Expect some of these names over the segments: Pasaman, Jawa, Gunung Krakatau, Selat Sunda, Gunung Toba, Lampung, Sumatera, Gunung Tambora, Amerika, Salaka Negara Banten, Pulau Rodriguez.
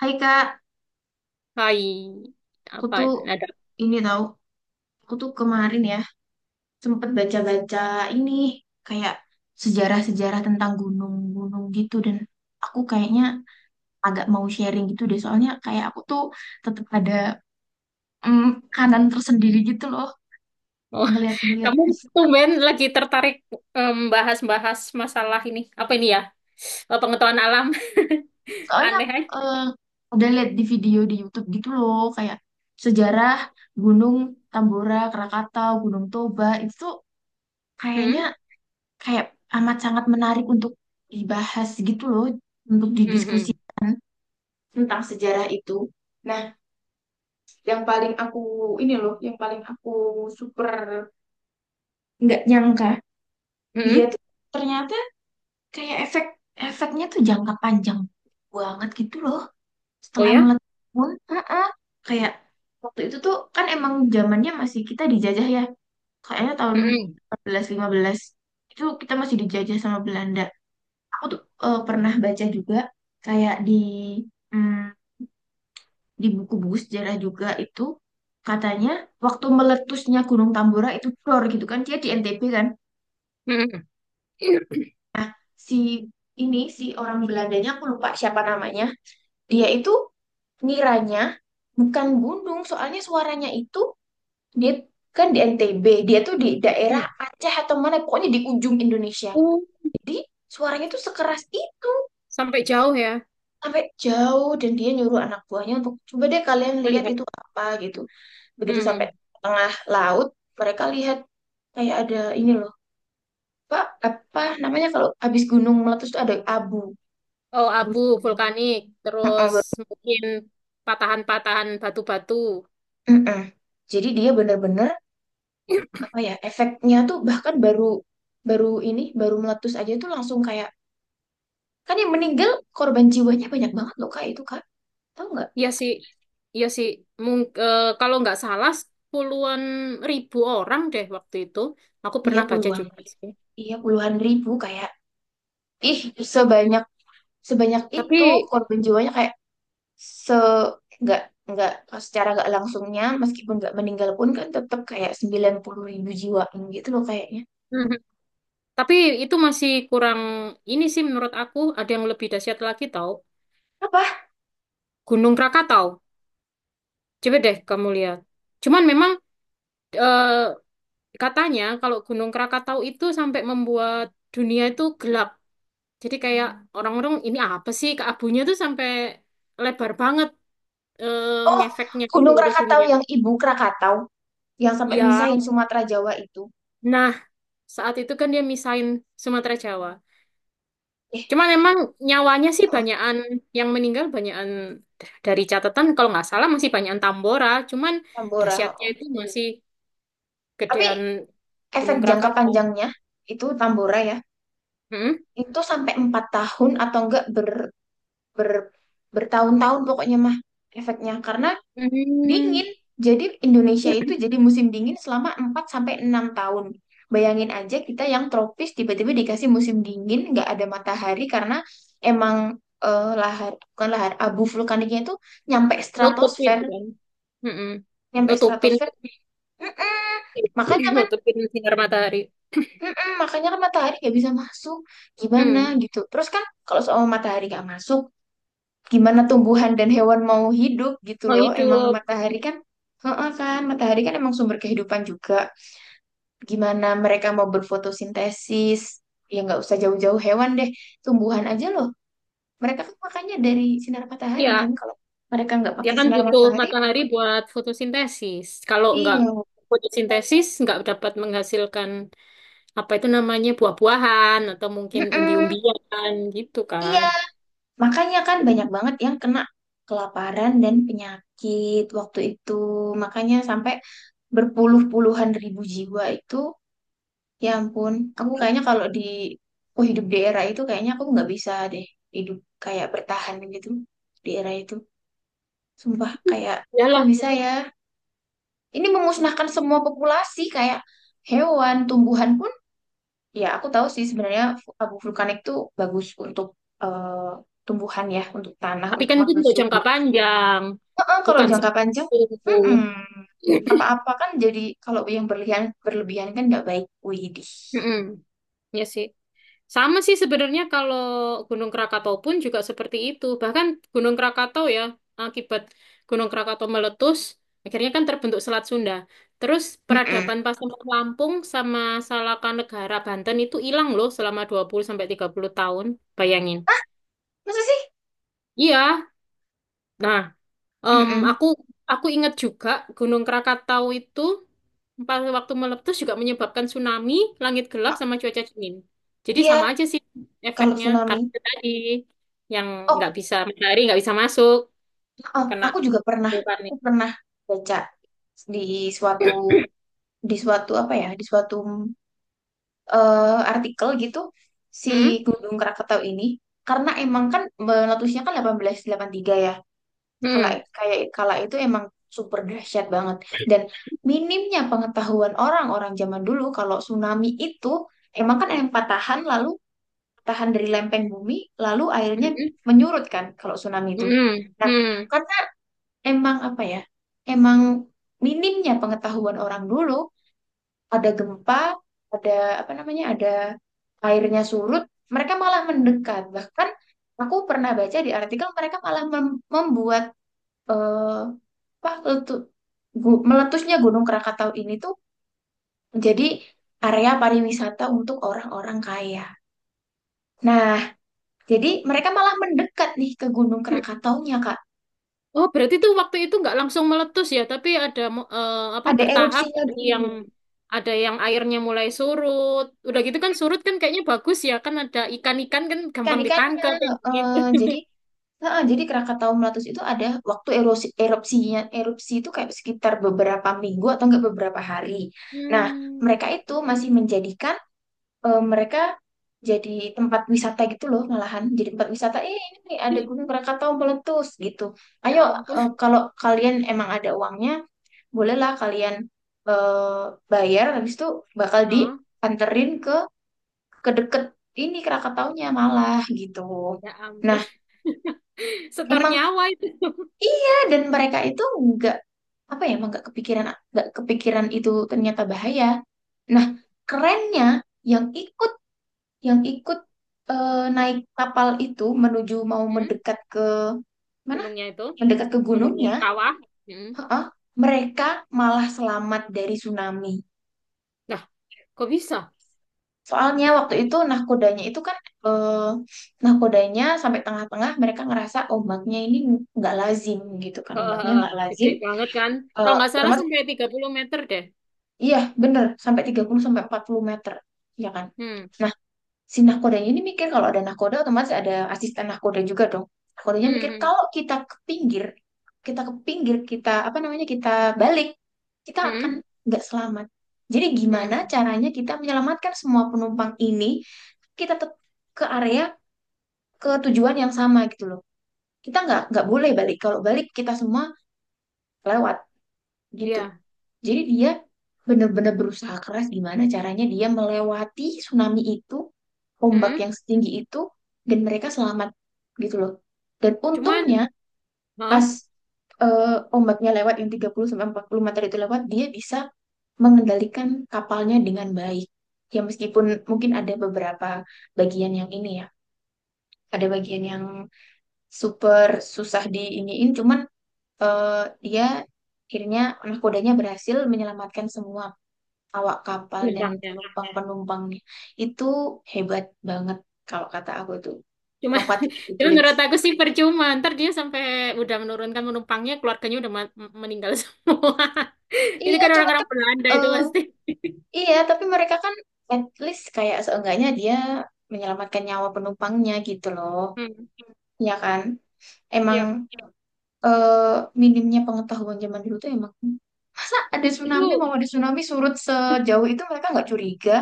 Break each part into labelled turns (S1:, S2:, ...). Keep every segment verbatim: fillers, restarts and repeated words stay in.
S1: Hai Kak,
S2: Hai,
S1: aku
S2: apa
S1: tuh
S2: ada?
S1: ini tahu, aku tuh kemarin ya sempet baca-baca ini kayak sejarah-sejarah tentang gunung-gunung gitu dan aku kayaknya agak mau sharing gitu deh soalnya kayak aku tuh tetap ada mm, kanan tersendiri gitu loh
S2: Oh,
S1: ngelihat-ngelihat.
S2: kamu tumben lagi tertarik em, bahas-bahas masalah ini. Apa ini ya? Eh, pengetahuan alam.
S1: Soalnya
S2: Aneh
S1: aku
S2: kan?
S1: eh, udah lihat di video di YouTube gitu loh kayak sejarah Gunung Tambora, Krakatau, Gunung Toba itu tuh kayaknya
S2: Hmm?
S1: kayak amat sangat menarik untuk dibahas gitu loh, untuk
S2: Hmm, hmm,
S1: didiskusikan tentang sejarah itu. Nah, yang paling aku ini loh, yang paling aku super nggak nyangka, dia
S2: hmm.
S1: tuh ternyata kayak efek efeknya tuh jangka panjang banget gitu loh.
S2: Oh
S1: Setelah
S2: ya?
S1: meletus pun, heeh, kayak waktu itu tuh kan emang zamannya masih kita dijajah ya, kayaknya tahun
S2: Hmm,
S1: empat belas lima belas itu kita masih dijajah sama Belanda. Aku tuh eh, pernah baca juga kayak di mm, di buku-buku sejarah juga itu katanya waktu meletusnya Gunung Tambora itu dor gitu kan dia di N T B kan
S2: hmm, hmm.
S1: si ini si orang Belandanya aku lupa siapa namanya dia itu ngiranya bukan gunung soalnya suaranya itu dia kan di N T B dia tuh di daerah
S2: Hmm.
S1: Aceh atau mana pokoknya di ujung Indonesia
S2: Oh,
S1: jadi suaranya tuh sekeras itu
S2: sampai jauh ya.
S1: sampai jauh dan dia nyuruh anak buahnya untuk coba deh kalian
S2: Oh,
S1: lihat itu
S2: lihat.
S1: apa gitu. Begitu
S2: Hmm, hmm.
S1: sampai tengah laut, mereka lihat kayak ada ini loh, Pak, apa namanya kalau habis gunung meletus tuh ada abu.
S2: Oh, abu vulkanik,
S1: Heeh,
S2: terus
S1: baru-
S2: mungkin patahan-patahan batu-batu.
S1: heeh. Jadi dia bener-bener apa ya efeknya tuh bahkan baru baru ini baru meletus aja tuh langsung kayak kan yang meninggal korban jiwanya banyak banget loh kak itu kak tahu nggak?
S2: Iya sih, iya sih. Mung eh, kalau nggak salah puluhan ribu orang deh waktu itu. Aku
S1: Iya
S2: pernah baca
S1: puluhan,
S2: juga sih.
S1: iya puluhan ribu kayak ih sebanyak sebanyak itu
S2: Tapi,
S1: korban jiwanya kayak se nggak nggak secara nggak langsungnya meskipun nggak meninggal pun kan tetap kayak sembilan puluh ribu jiwain gitu loh kayaknya
S2: mhm, tapi itu masih kurang, ini sih menurut aku ada yang lebih dahsyat lagi, tau.
S1: apa
S2: Gunung Krakatau. Coba deh kamu lihat. Cuman memang, eh, katanya kalau Gunung Krakatau itu sampai membuat dunia itu gelap. Jadi kayak Hmm. orang-orang ini apa sih, keabunya tuh sampai lebar banget, eh,
S1: oh
S2: ngefeknya ke
S1: Gunung
S2: seluruh
S1: Krakatau
S2: dunia.
S1: yang ibu Krakatau yang sampai
S2: Ya,
S1: misahin Sumatera Jawa itu
S2: nah saat itu kan dia misain Sumatera Jawa.
S1: eh
S2: Cuman emang nyawanya sih
S1: oh,
S2: banyakan yang meninggal, banyakan d- dari catatan kalau nggak salah masih banyakan Tambora. Cuman
S1: Tambora
S2: dahsyatnya
S1: oh.
S2: itu masih
S1: Tapi
S2: gedean
S1: efek
S2: Gunung
S1: jangka
S2: Krakatau.
S1: panjangnya itu Tambora ya
S2: Mm-mm.
S1: itu sampai empat tahun atau enggak ber, ber bertahun-tahun pokoknya mah efeknya karena
S2: Hmm.
S1: dingin. Jadi Indonesia itu jadi musim dingin selama empat sampai enam tahun. Bayangin aja kita yang tropis tiba-tiba dikasih musim dingin, nggak ada matahari karena emang eh, lahar bukan lahar abu vulkaniknya itu nyampe
S2: Nutupin itu
S1: stratosfer,
S2: kan. Mm-mm.
S1: nyampe
S2: Nutupin
S1: stratosfer. Mm-mm. Makanya kan
S2: nutupin sinar matahari.
S1: mm-mm, makanya kan matahari nggak bisa masuk. Gimana
S2: Hmm.
S1: gitu. Terus kan kalau soal matahari nggak masuk, gimana tumbuhan dan hewan mau hidup gitu
S2: Mau
S1: loh. Emang
S2: hidup.
S1: matahari kan, heeh kan, matahari kan emang sumber kehidupan juga. Gimana mereka mau berfotosintesis, ya nggak usah jauh-jauh hewan deh, tumbuhan aja loh mereka kan makannya dari sinar matahari kan
S2: Ya,
S1: kalau mereka nggak
S2: dia
S1: pakai
S2: kan
S1: sinar
S2: butuh
S1: matahari.
S2: matahari buat fotosintesis. Kalau nggak
S1: Iya.
S2: fotosintesis, nggak dapat menghasilkan apa itu namanya, buah-buahan atau mungkin
S1: Mm-mm.
S2: umbi-umbian gitu
S1: Iya
S2: kan.
S1: makanya kan banyak banget yang kena kelaparan dan penyakit waktu itu makanya sampai berpuluh-puluhan ribu jiwa itu. Ya ampun, aku kayaknya kalau di oh hidup di era itu kayaknya aku nggak bisa deh hidup kayak bertahan gitu di era itu. Sumpah kayak
S2: Ya
S1: kok
S2: lah,
S1: bisa ya? Ini memusnahkan semua populasi kayak hewan, tumbuhan pun. Ya aku tahu sih sebenarnya abu vulkanik tuh bagus untuk eh, tumbuhan ya, untuk tanah,
S2: tapi
S1: untuk
S2: kan itu
S1: makna
S2: untuk jangka
S1: subur.
S2: panjang,
S1: Heeh, kalau
S2: bukan
S1: jangka panjang,
S2: seperti itu.
S1: mm-mm. Apa-apa kan jadi kalau yang berlebihan berlebihan kan nggak baik. Widih.
S2: Mm-mm. Ya sih. Sama sih sebenarnya, kalau Gunung Krakatau pun juga seperti itu. Bahkan Gunung Krakatau ya, akibat Gunung Krakatau meletus, akhirnya kan terbentuk Selat Sunda. Terus
S1: Mm-mm.
S2: peradaban Pasaman Lampung sama Salaka Negara Banten itu hilang loh selama dua puluh sampai tiga puluh tahun. Bayangin.
S1: Masa sih?
S2: Iya. Nah, em,
S1: Mm-mm.
S2: aku aku ingat juga Gunung Krakatau itu pada waktu meletus juga menyebabkan tsunami, langit gelap,
S1: Nah,
S2: sama cuaca dingin. Jadi sama
S1: iya,
S2: aja sih
S1: kalau
S2: efeknya.
S1: tsunami.
S2: Karena itu tadi yang
S1: Oh,
S2: nggak bisa, matahari nggak bisa masuk,
S1: heeh,
S2: kena
S1: aku juga pernah,
S2: vulkanik.
S1: aku pernah baca di suatu di suatu apa ya di suatu eh, artikel gitu si
S2: Mm-mm,
S1: Gedung Krakatau ini karena emang kan eh, letusnya kan delapan belas delapan belas tiga ya kala
S2: mm-mm,
S1: kayak kala itu emang super dahsyat banget dan minimnya pengetahuan orang-orang zaman dulu kalau tsunami itu emang kan yang patahan lalu patahan dari lempeng bumi lalu airnya menyurut kan kalau tsunami itu
S2: mm-mm,
S1: nah
S2: mm-mm,
S1: karena emang apa ya emang minimnya pengetahuan orang dulu ada gempa, ada apa namanya, ada airnya surut, mereka malah mendekat. Bahkan aku pernah baca di artikel mereka malah mem- membuat eh, apa letu- gu- meletusnya Gunung Krakatau ini tuh menjadi area pariwisata untuk orang-orang kaya. Nah, jadi mereka malah mendekat nih ke Gunung
S2: mm.
S1: Krakataunya, Kak.
S2: Oh, berarti tuh waktu itu nggak langsung meletus ya, tapi ada mo- eh, apa,
S1: Ada
S2: bertahap.
S1: erupsinya
S2: Ada yang
S1: dulu.
S2: ada yang airnya mulai surut. Udah gitu kan, surut kan kayaknya bagus ya, kan ada ikan-ikan kan gampang
S1: Ikan-ikannya.
S2: ditangkap yang gitu.
S1: Eh, jadi Nah, jadi Krakatau meletus itu ada waktu erosi, erupsinya, erupsi itu kayak sekitar beberapa minggu atau enggak beberapa hari. Nah,
S2: Hmm.
S1: mereka itu masih menjadikan eh, mereka jadi tempat wisata gitu loh, malahan jadi tempat wisata. Eh, ini nih ada
S2: Ih,
S1: Gunung Krakatau meletus gitu.
S2: ya
S1: Ayo, eh,
S2: ampun.
S1: kalau kalian emang ada uangnya, bolehlah kalian eh, bayar. Habis itu bakal
S2: Oh.
S1: dianterin ke kedeket ini Krakataunya malah gitu.
S2: Ya
S1: Nah,
S2: ampun. Setor
S1: emang
S2: nyawa itu.
S1: iya dan mereka itu nggak apa ya, emang nggak kepikiran nggak kepikiran itu ternyata bahaya. Nah, kerennya yang ikut yang ikut eh, naik kapal itu menuju mau
S2: Hmm,
S1: mendekat ke mana?
S2: Gunungnya itu.
S1: Mendekat ke
S2: Gunungnya
S1: gunungnya,
S2: itu kawah. Hmm.
S1: heeh, mereka malah selamat dari tsunami.
S2: Nah, kok bisa?
S1: Soalnya waktu itu nahkodanya itu kan eh, nahkodanya sampai tengah-tengah mereka ngerasa ombaknya ini nggak lazim gitu kan
S2: Eh,
S1: ombaknya
S2: eh,
S1: nggak
S2: eh, gede
S1: lazim.
S2: banget kan? Kalau
S1: Eh,
S2: nggak salah
S1: otomatis
S2: sampai tiga puluh meter deh.
S1: iya bener sampai tiga puluh sampai empat puluh meter ya kan.
S2: Hmm.
S1: Nah, si nahkodanya ini mikir kalau ada nahkoda otomatis ada asisten nahkoda juga dong. Nahkodanya mikir
S2: Hmm.
S1: kalau kita ke pinggir, kita ke pinggir, kita apa namanya kita balik, kita akan
S2: Hmm.
S1: nggak selamat. Jadi
S2: Hmm.
S1: gimana
S2: Hmm.
S1: caranya kita menyelamatkan semua penumpang ini? Kita tetap ke area ke tujuan yang sama gitu loh. Kita nggak nggak boleh balik. Kalau balik kita semua lewat gitu.
S2: Iya.
S1: Jadi dia benar-benar berusaha keras gimana caranya dia melewati tsunami itu, ombak
S2: Hmm.
S1: yang setinggi itu, dan mereka selamat gitu loh. Dan untungnya
S2: Cuman,
S1: pas
S2: hah?
S1: eh, ombaknya lewat yang tiga puluh sampai empat puluh meter itu lewat, dia bisa mengendalikan kapalnya dengan baik. Ya meskipun mungkin ada beberapa bagian yang ini ya, ada bagian yang super susah diiniin, cuman eh, dia akhirnya nahkodanya berhasil menyelamatkan semua awak kapal dan
S2: Gendangnya.
S1: penumpang-penumpangnya itu hebat banget kalau kata aku itu
S2: Cuman,
S1: tempat itu
S2: cuman
S1: sulit
S2: menurut
S1: sih.
S2: aku sih percuma. Ntar dia sampai udah menurunkan penumpangnya, keluarganya udah ma- meninggal semua. Ini
S1: Iya,
S2: kan
S1: cuma
S2: orang-orang
S1: kan
S2: Belanda itu
S1: eh
S2: pasti.
S1: iya tapi mereka kan at least kayak seenggaknya dia menyelamatkan nyawa penumpangnya gitu loh.
S2: Hmm.
S1: Ya kan? Emang
S2: Iya.
S1: eh minimnya pengetahuan zaman dulu tuh emang masa ada tsunami mau
S2: Itu
S1: ada tsunami surut sejauh itu mereka nggak curiga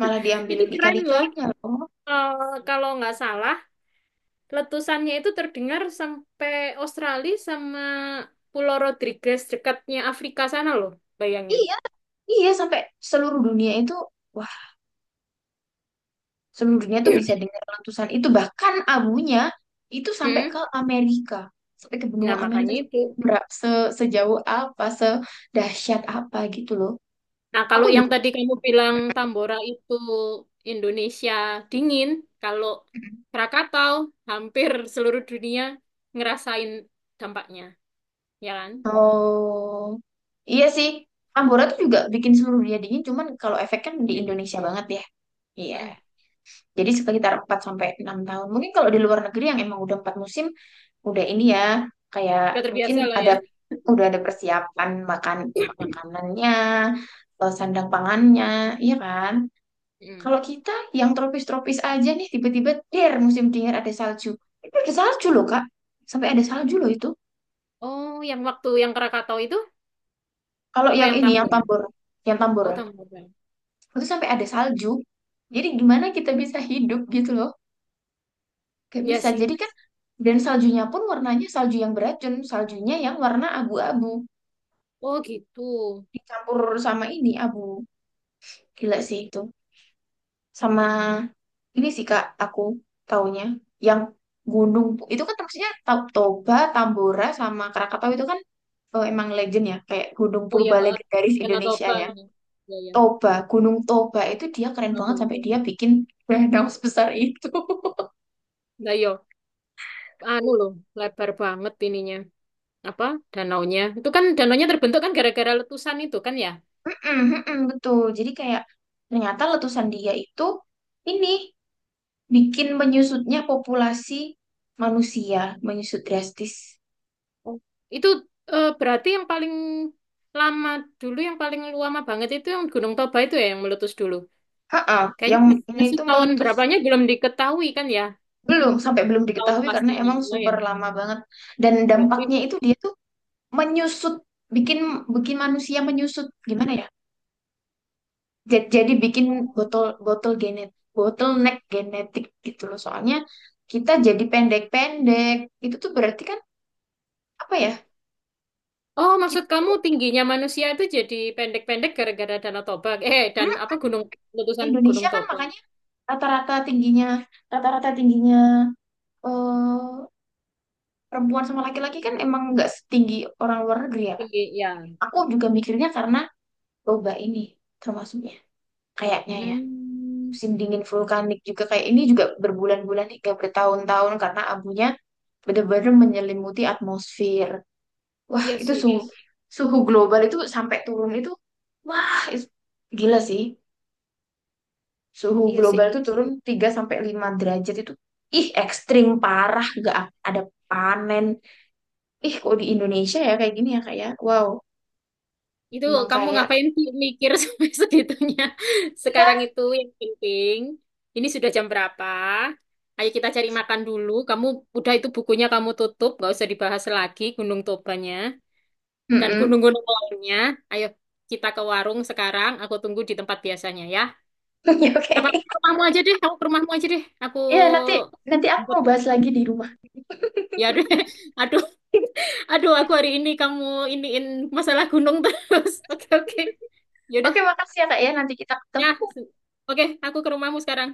S1: malah
S2: Itu
S1: diambilin
S2: keren loh.
S1: ikan-ikannya loh.
S2: Eh, kalau nggak salah, letusannya itu terdengar sampai Australia sama Pulau Rodriguez, dekatnya Afrika sana loh. Bayangin.
S1: Iya, iya sampai seluruh dunia itu Seluruh dunia tuh bisa dengar letusan itu. Bahkan abunya itu sampai
S2: Hmm?
S1: ke Amerika. Sampai ke
S2: Nah,
S1: benua Amerika.
S2: makanya itu.
S1: Itu ber- se- sejauh apa, sedahsyat apa gitu loh.
S2: Nah,
S1: Aku
S2: kalau yang
S1: juga.
S2: tadi kamu bilang Tambora itu Indonesia dingin, kalau Krakatau hampir seluruh dunia ngerasain dampaknya, ya kan?
S1: Oh, iya sih. Tambora tuh juga bikin seluruh dunia dingin. Cuman kalau efeknya di Indonesia banget ya. Iya.
S2: Mm-mm.
S1: Jadi sekitar empat sampai enam tahun. Mungkin kalau di luar negeri yang emang udah empat musim, udah ini ya, kayak
S2: Udah
S1: mungkin
S2: terbiasa lah
S1: ada
S2: ya.
S1: udah ada persiapan makan makanannya, eh, sandang pangannya, iya kan?
S2: Mm.
S1: Kalau kita yang tropis-tropis aja nih tiba-tiba der musim dingin ada salju. Itu ada salju loh, Kak. Sampai ada salju loh itu.
S2: Oh, yang waktu yang Krakatau itu
S1: Kalau
S2: apa
S1: yang
S2: yang
S1: ini yang
S2: Tambora?
S1: Tambora, yang
S2: Oh,
S1: Tambora,
S2: tambah.
S1: itu sampai ada salju. Jadi gimana kita bisa hidup gitu loh? Gak
S2: Ya
S1: bisa.
S2: sih.
S1: Jadi kan dan saljunya pun warnanya salju yang beracun, saljunya yang warna abu-abu
S2: Oh, gitu.
S1: dicampur sama ini abu. Gila sih itu. Sama ini sih Kak, aku taunya yang gunung itu kan maksudnya Ta- Toba, Tambora sama Krakatau itu kan eh, emang legend ya, kayak gunung
S2: Oh ya,
S1: purba
S2: heeh.
S1: legendaris
S2: Kena
S1: Indonesia ya.
S2: topeng. Ya, ya.
S1: Toba, Gunung Toba itu dia keren
S2: Aku
S1: banget sampai
S2: nangkep.
S1: dia bikin danau sebesar itu.
S2: Nah, yo, anu loh, lebar banget ininya. Apa? Danaunya. Itu kan danaunya terbentuk kan gara-gara letusan itu kan ya?
S1: Mm-mm, mm-mm, betul. Jadi kayak ternyata letusan dia itu ini bikin menyusutnya populasi manusia, menyusut drastis.
S2: Oh. Itu, eh, berarti yang paling lama dulu, yang paling lama banget itu yang Gunung Toba itu ya yang meletus dulu.
S1: Ha,
S2: Kayaknya
S1: yang ini
S2: masih
S1: tuh
S2: tahun
S1: meletus
S2: berapanya belum diketahui kan ya?
S1: belum sampai belum
S2: Tahun
S1: diketahui karena
S2: pastinya.
S1: emang
S2: Lah ya.
S1: super lama banget dan
S2: Berarti,
S1: dampaknya itu dia tuh menyusut, bikin bikin manusia menyusut. Gimana ya? Ja- Jadi bikin
S2: oh,
S1: botol botol genet bottleneck genetik gitu loh. Soalnya kita jadi pendek-pendek. Itu tuh berarti kan apa ya?
S2: oh, maksud kamu
S1: Kita
S2: tingginya manusia itu jadi pendek-pendek gara-gara Danau Toba. Eh, dan apa, gunung letusan Gunung
S1: Indonesia kan
S2: Toba.
S1: makanya rata-rata tingginya rata-rata tingginya eh, perempuan sama laki-laki kan emang nggak setinggi orang luar negeri ya.
S2: Tinggi, ya.
S1: Aku juga mikirnya karena boba ini termasuknya kayaknya ya.
S2: Hmm,
S1: Musim dingin vulkanik juga kayak ini juga berbulan-bulan hingga bertahun-tahun karena abunya benar-benar menyelimuti atmosfer. Wah,
S2: iya
S1: itu
S2: sih.
S1: suhu suhu global itu sampai turun itu wah itu- gila sih. Suhu
S2: Iya sih.
S1: global itu turun tiga sampai lima derajat itu ih ekstrim parah nggak ada panen ih kok di Indonesia ya kayak gini ya kayak wow
S2: Itu
S1: emang
S2: kamu
S1: kayak
S2: ngapain sih mikir sampai segitunya? Sekarang
S1: iya
S2: itu yang penting. Ini sudah jam berapa? Ayo kita cari makan dulu. Kamu udah, itu bukunya kamu tutup, nggak usah dibahas lagi Gunung Tobanya dan
S1: mm
S2: gunung-gunung lainnya. Ayo kita ke warung sekarang. Aku tunggu di tempat biasanya ya.
S1: oke
S2: Apa ke rumahmu aja deh, aku ke rumahmu aja deh. Aku
S1: ya nanti nanti aku
S2: jemput,
S1: mau
S2: eh,
S1: bahas
S2: kamu
S1: lagi
S2: aja.
S1: di rumah
S2: Ya aduh, aduh, aduh, aku hari ini kamu iniin masalah gunung terus. Oke, oke. Yaudah,
S1: oke makasih ya kak ya nanti kita
S2: ya.
S1: ketemu
S2: Oke, aku ke rumahmu sekarang.